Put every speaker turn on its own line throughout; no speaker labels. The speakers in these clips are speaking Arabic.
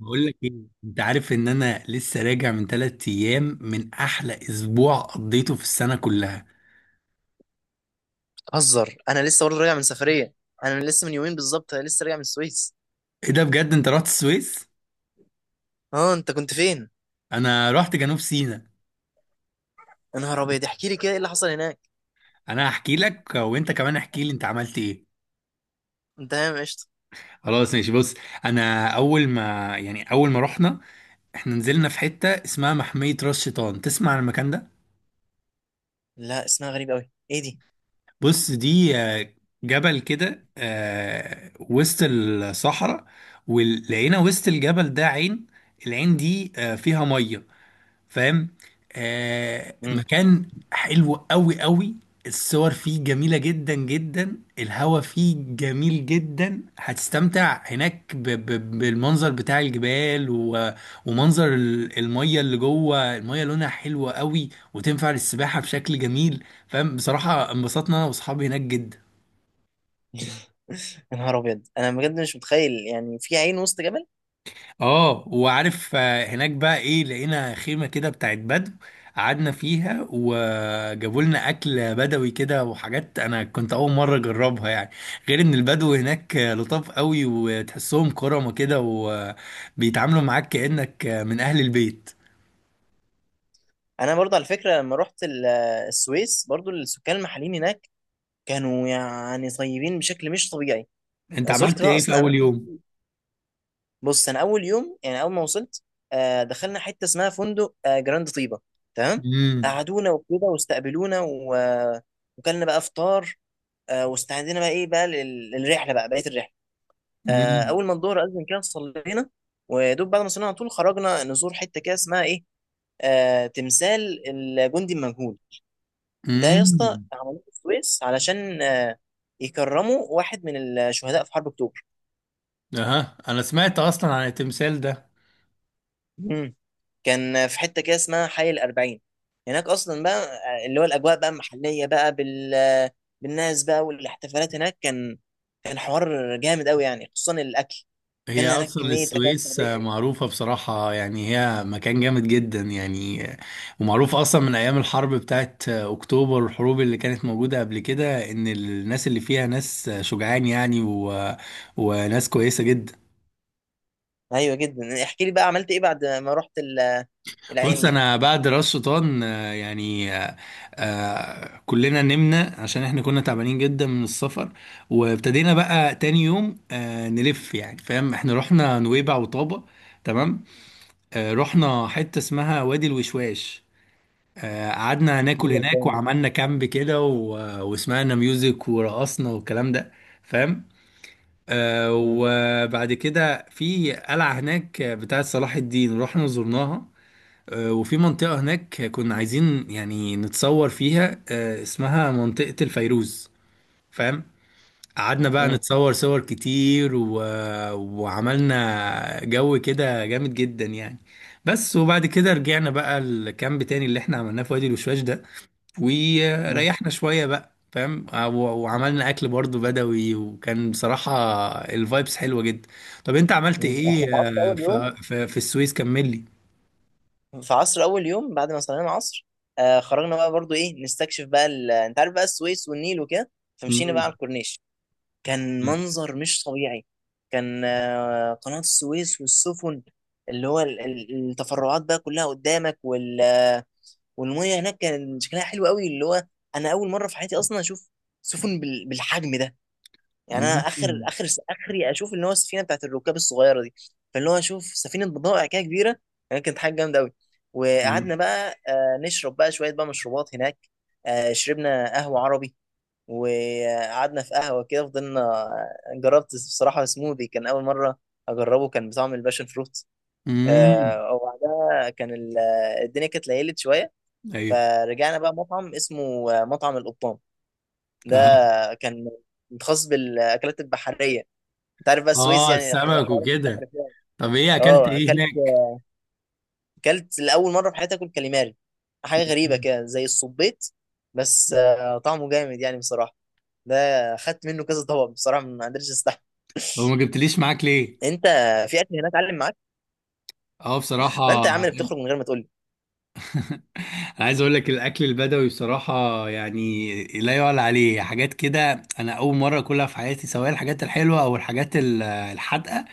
بقول لك ايه. انت عارف ان انا لسه راجع من 3 ايام من احلى اسبوع قضيته في السنه كلها؟
هزر، انا لسه برضه راجع من سفريه. انا لسه من يومين بالظبط، انا لسه راجع من السويس.
ايه ده بجد، انت رحت السويس؟
اه، انت كنت فين؟
انا رحت جنوب سيناء.
يا نهار ابيض، احكي لي كده، ايه اللي حصل هناك؟
انا هحكي لك، وانت كمان احكي لي انت عملت ايه.
انت تمام؟ قشطه.
خلاص ماشي، بص. انا اول ما يعني اول ما رحنا، احنا نزلنا في حته اسمها محميه راس شيطان. تسمع عن المكان ده؟
لا، اسمها غريب قوي، ايه دي؟
بص، دي جبل كده وسط الصحراء. ولقينا وسط الجبل ده عين. العين دي فيها ميه. فاهم؟
امم.
مكان حلو قوي قوي. الصور فيه جميلة جدا جدا، الهوا فيه جميل جدا، هتستمتع هناك ب ب بالمنظر بتاع الجبال، و... ومنظر المية اللي جوه، المية لونها حلوة قوي. وتنفع للسباحة بشكل جميل. فاهم؟ بصراحة انبسطنا انا واصحابي هناك جدا.
يا نهار ابيض، انا بجد مش متخيل يعني في عين وسط جبل.
اه، وعارف هناك بقى ايه؟ لقينا خيمة كده بتاعت بدو. قعدنا فيها وجابوا لنا اكل بدوي كده وحاجات انا كنت اول مرة اجربها يعني. غير ان البدو هناك لطاف قوي، وتحسهم كرمة كده، وبيتعاملوا معاك كأنك من اهل البيت.
انا برضه على فكره لما رحت السويس، برضه السكان المحليين هناك كانوا يعني طيبين بشكل مش طبيعي.
انت
زرت
عملت
بقى
ايه في
اصلا.
اول يوم؟
بص انا اول يوم، يعني اول ما وصلت دخلنا حته اسمها فندق جراند طيبه. تمام.
امم.
قعدونا وكده واستقبلونا و وكلنا بقى فطار. واستعدينا بقى ايه بقى للرحله بقى، بقيه الرحله.
امم.
اول ما الظهر اذن كده صلينا، ودوب بعد ما صلينا على طول خرجنا نزور حته كده اسمها ايه، تمثال الجندي المجهول. ده يا اسطى
امم.
عملوه في السويس علشان يكرموا واحد من الشهداء في حرب اكتوبر.
اها، انا سمعت اصلا عن التمثال ده.
كان في حته كده اسمها حي الأربعين، هناك اصلا بقى اللي هو الاجواء بقى محليه بقى بالناس بقى، والاحتفالات هناك كان حوار جامد قوي يعني، خصوصا الاكل. كان
هي
هناك
اصلا
كميه اكلات
السويس
شعبيه.
معروفه بصراحه يعني، هي مكان جامد جدا يعني. ومعروفه اصلا من ايام الحرب بتاعت اكتوبر والحروب اللي كانت موجوده قبل كده، ان الناس اللي فيها ناس شجعان يعني و... وناس كويسه جدا.
ايوه جدا، احكي لي بقى عملت ايه بعد ما رحت العين
بص،
دي.
انا بعد راس شيطان، يعني كلنا نمنا عشان احنا كنا تعبانين جدا من السفر. وابتدينا بقى تاني يوم نلف، يعني فاهم، احنا رحنا نويبع وطابة. تمام. رحنا حتة اسمها وادي الوشواش. قعدنا هناكل
يلا
هناك
تاني.
وعملنا كامب كده، وسمعنا ميوزك ورقصنا والكلام ده. فاهم؟
مم.
وبعد كده في قلعة هناك بتاعة صلاح الدين، رحنا زرناها. وفي منطقة هناك كنا عايزين يعني نتصور فيها، اسمها منطقة الفيروز. فاهم؟ قعدنا بقى
مم.
نتصور صور كتير و... وعملنا جو كده جامد جدا يعني. بس وبعد كده رجعنا بقى الكامب تاني اللي احنا عملناه في وادي الوشواش ده.
مم.
وريحنا شوية بقى، فاهم؟ وعملنا اكل برضو بدوي، وكان بصراحة الفايبس حلوة جدا. طب انت عملت
مم. احنا
ايه
في عصر اول يوم،
في السويس؟ كمل لي.
بعد ما صلينا العصر آه خرجنا بقى برضو ايه نستكشف بقى انت عارف بقى السويس والنيل وكده، فمشينا بقى
مم.
على الكورنيش. كان
مم.
منظر مش طبيعي. كان قناة السويس والسفن، اللي هو التفرعات بقى كلها قدامك وال آه، والمية هناك كان شكلها حلو قوي، اللي هو انا اول مرة في حياتي اصلا اشوف سفن بالحجم ده. يعني انا اخر
مم.
اخر اخري اشوف اللي هو السفينة بتاعت الركاب الصغيرة دي، فاللي هو اشوف سفينة بضائع كده كبيرة، يعني كانت حاجة جامدة قوي.
مم.
وقعدنا بقى نشرب بقى شوية بقى مشروبات هناك. شربنا قهوة عربي وقعدنا في قهوة كده فضلنا. جربت بصراحة سموذي، كان أول مرة أجربه، كان بطعم الباشن فروت.
مم.
وبعدها كان الدنيا كانت ليلت شوية،
ايوه.
فرجعنا بقى مطعم اسمه مطعم القبطان. ده
اها.
كان متخصص بالأكلات البحرية. أنت عارف بقى السويس
اه،
يعني
السمك
حوارات
وكده.
البحر فيها.
طب ايه اكلت
اه،
ايه
أكلت،
هناك؟
أكلت لأول مرة في حياتي أكل كاليماري، حاجة غريبة كده زي الصبيط، بس طعمه جامد يعني بصراحة. ده خدت منه كذا طبق، بصراحة ما قدرتش استحمل.
هو ما جبتليش معاك ليه؟
انت في اكل هناك علم معاك؟
اه،
ما
بصراحة.
انت يا عم اللي بتخرج من غير ما تقول لي.
أنا عايز اقول لك الاكل البدوي بصراحة، يعني لا يعلى عليه. حاجات كده انا اول مرة اكلها في حياتي، سواء الحاجات الحلوة او الحاجات الحادقة.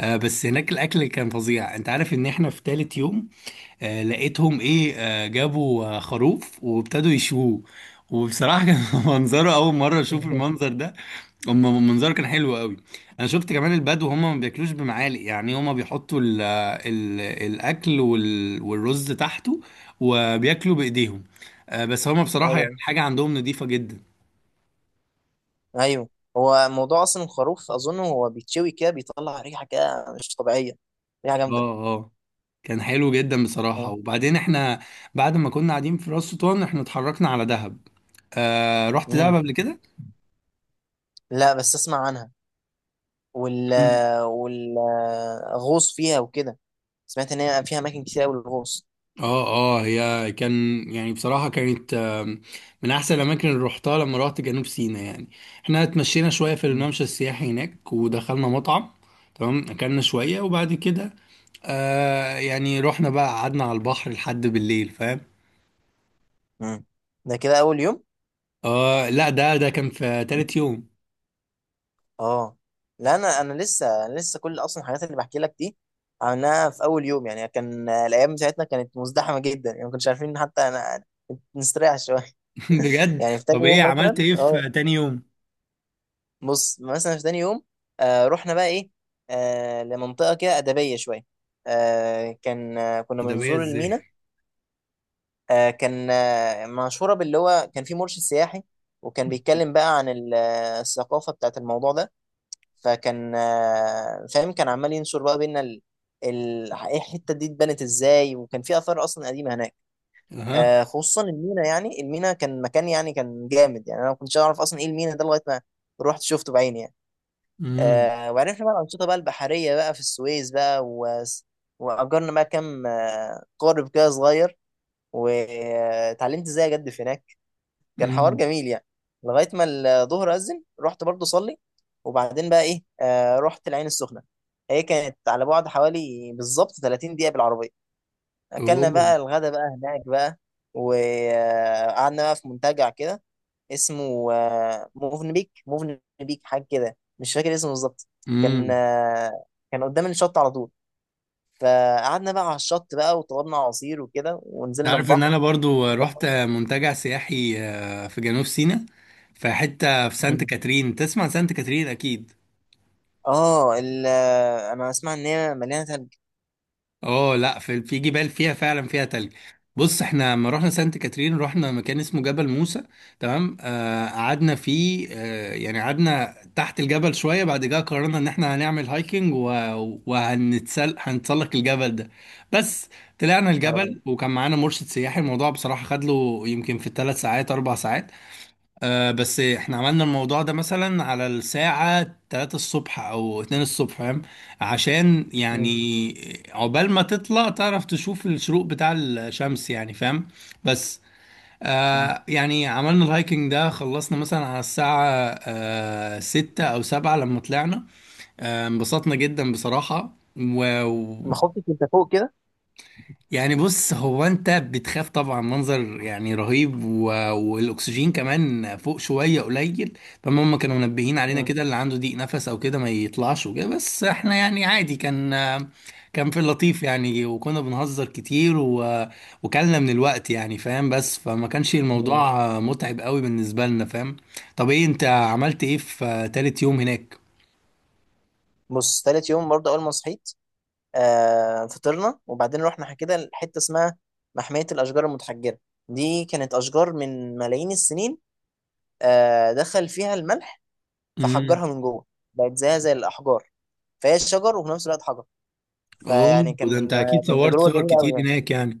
بس هناك الاكل كان فظيع. انت عارف ان احنا في تالت يوم لقيتهم ايه، جابوا خروف وابتدوا يشووه. وبصراحة كان منظره أول مرة أشوف المنظر ده. هم منظره كان حلو قوي. انا شفت كمان البدو هم ما بياكلوش بمعالق يعني، هم بيحطوا ال الاكل، والرز تحته. وبياكلوا بايديهم. بس هم بصراحه يعني
ايوه،
حاجه عندهم نظيفه جدا.
ايوه. هو موضوع اصلا الخروف اظن هو بيتشوي كده بيطلع ريحه كده مش طبيعيه، ريحه جامده.
اه. اه. كان حلو جدا بصراحه.
أيوة.
وبعدين احنا، بعد ما كنا قاعدين في راس شيطان، احنا اتحركنا على دهب. آه، رحت دهب
امم.
قبل كده؟
لا بس اسمع عنها وال والغوص فيها وكده، سمعت ان هي فيها اماكن كتير قوي للغوص.
اه. اه. هي كان يعني بصراحة كانت من أحسن الأماكن اللي روحتها لما روحت جنوب سيناء يعني. احنا اتمشينا شوية في
مم.
الممشى السياحي هناك ودخلنا مطعم. تمام، أكلنا شوية وبعد كده يعني رحنا بقى قعدنا على البحر لحد بالليل. فاهم؟
امم. ده كده اول يوم؟
اه لا، ده كان في تالت يوم.
اه لا، انا لسه، كل اصلا الحاجات اللي بحكي لك دي عملناها في اول يوم. يعني كان الايام بتاعتنا كانت مزدحمه جدا، يعني ما كناش عارفين حتى نستريح شويه.
بجد.
يعني في تاني
طب ايه
يوم
عملت
مثلا
ايه
اه.
في تاني يوم؟
بص مثلا في تاني يوم آه رحنا بقى ايه، آه لمنطقه كده ادبيه شويه. آه كان آه كنا
ده بقى
بنزور المينا.
ازاي؟
آه كان آه مشهوره باللي هو كان في مرشد سياحي، وكان بيتكلم بقى عن الثقافه بتاعت الموضوع ده. فكان آه فاهم، كان عمال ينشر بقى بينا إيه الحته دي اتبنت ازاي، وكان في اثار اصلا قديمه هناك.
اها.
خصوصا المينا، يعني المينا كان مكان يعني كان جامد، يعني انا ما كنتش اعرف اصلا ايه المينا ده لغايه ما رحت شفته بعيني يعني.
امم.
وعرفنا بقى الانشطه بقى البحريه بقى في السويس بقى واجرنا بقى كام قارب كده صغير واتعلمت ازاي اجدف هناك. كان حوار
امم.
جميل يعني، لغايه ما الظهر اذن رحت برضه اصلي. وبعدين بقى ايه رحت العين السخنه. هي كانت على بعد حوالي بالظبط 30 دقيقه بالعربيه. اكلنا
اوه.
بقى الغدا بقى هناك بقى، وقعدنا بقى في منتجع كده اسمه موفن بيك، حاجه كده مش فاكر اسمه بالظبط. كان
امم.
آه، كان قدام الشط على طول، فقعدنا بقى على الشط بقى وطلبنا عصير وكده ونزلنا
عارف ان
البحر.
انا برضو رحت منتجع سياحي في جنوب سيناء، في حتة في سانت
مم.
كاترين. تسمع سانت كاترين اكيد؟
اه انا اسمع ان هي مليانه ثلج.
اه لا، في جبال، فيها فعلا فيها تلج. بص، احنا لما رحنا سانت كاترين رحنا مكان اسمه جبل موسى. تمام. قعدنا فيه، يعني قعدنا تحت الجبل شوية. بعد كده قررنا ان احنا هنعمل هايكنج و... هنتسلق الجبل ده. بس، طلعنا
نهار أبيض.
الجبل وكان معانا مرشد سياحي. الموضوع بصراحة خد له يمكن في ال3 ساعات 4 ساعات. بس احنا عملنا الموضوع ده مثلا على الساعة 3 الصبح او 2 الصبح. فاهم؟ عشان
مم.
يعني عقبال ما تطلع تعرف تشوف الشروق بتاع الشمس يعني. فاهم؟ بس
مم.
يعني عملنا الهايكنج ده خلصنا مثلا على الساعة 6 او 7 لما طلعنا. انبسطنا جدا بصراحة و...
ما خفتش انت فوق كده؟
يعني بص، هو انت بتخاف طبعا، منظر يعني رهيب و... والاكسجين كمان فوق شويه قليل. فما هم كانوا منبهين علينا
مم.
كده، اللي عنده ضيق نفس او كده ما يطلعش وكده، بس احنا يعني عادي، كان كان في اللطيف يعني، وكنا بنهزر كتير و... وكلنا من الوقت يعني. فاهم؟ بس فما كانش
مم.
الموضوع متعب قوي بالنسبه لنا. فاهم؟ طب ايه انت عملت ايه في تالت يوم هناك؟
بص تالت يوم برضه اول ما صحيت فطرنا وبعدين رحنا كده لحته اسمها محميه الاشجار المتحجره. دي كانت اشجار من ملايين السنين، دخل فيها الملح
امم.
فحجرها من جوه، بقت زيها زي الاحجار، فهي شجر وفي نفس الوقت حجر. فيعني
اوه. ده انت
كان آه،
اكيد
كان
صورت
تجربه
صور
جميله قوي
كتير
يعني.
هناك يعني.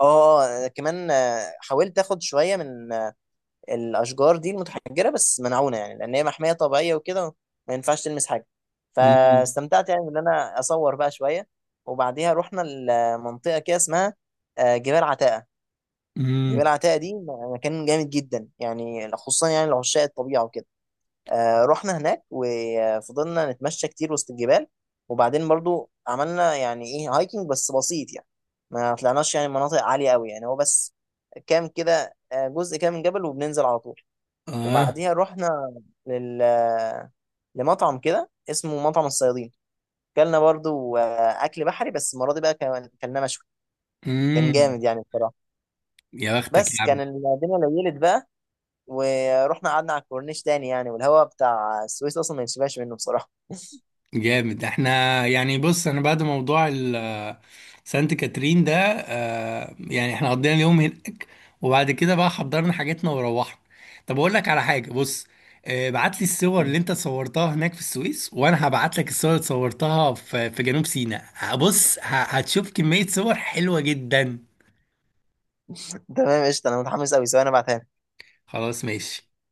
اه كمان حاولت اخد شويه من الاشجار دي المتحجره، بس منعونه يعني لان هي محميه طبيعيه وكده، ما ينفعش تلمس حاجه،
امم.
فاستمتعت يعني ان انا اصور بقى شويه. وبعديها رحنا لمنطقه كده اسمها جبال عتاقه. جبال
امم.
عتاقه دي مكان جامد جدا، يعني خصوصا يعني لعشاق الطبيعه وكده. رحنا هناك وفضلنا نتمشى كتير وسط الجبال، وبعدين برضو عملنا يعني ايه هايكنج بس بسيط يعني، ما طلعناش يعني مناطق عاليه قوي يعني، هو بس كام كده جزء كام من جبل وبننزل على طول.
اه.
وبعديها رحنا لل لمطعم كده اسمه مطعم الصيادين، كلنا برضو اكل بحري بس المره دي بقى كان كلنا مشوي. كان
امم.
جامد يعني بصراحه.
يا بختك
بس
يا عم.
كان الدنيا ليلت بقى، ورحنا قعدنا على الكورنيش تاني يعني، والهواء بتاع السويس اصلا ما يتشبهش منه بصراحه.
جامد. احنا يعني، بص، انا بعد موضوع سانت كاترين ده يعني احنا قضينا اليوم هناك، وبعد كده بقى حضرنا حاجاتنا وروحنا. طب اقول لك على حاجه، بص، بعت لي الصور اللي انت صورتها هناك في السويس، وانا هبعت لك الصور اللي صورتها في جنوب سيناء. بص هتشوف كميه صور حلوه جدا.
تمام قشطه، انا متحمس قوي سواء انا بعتها لك.
خلاص ماشي.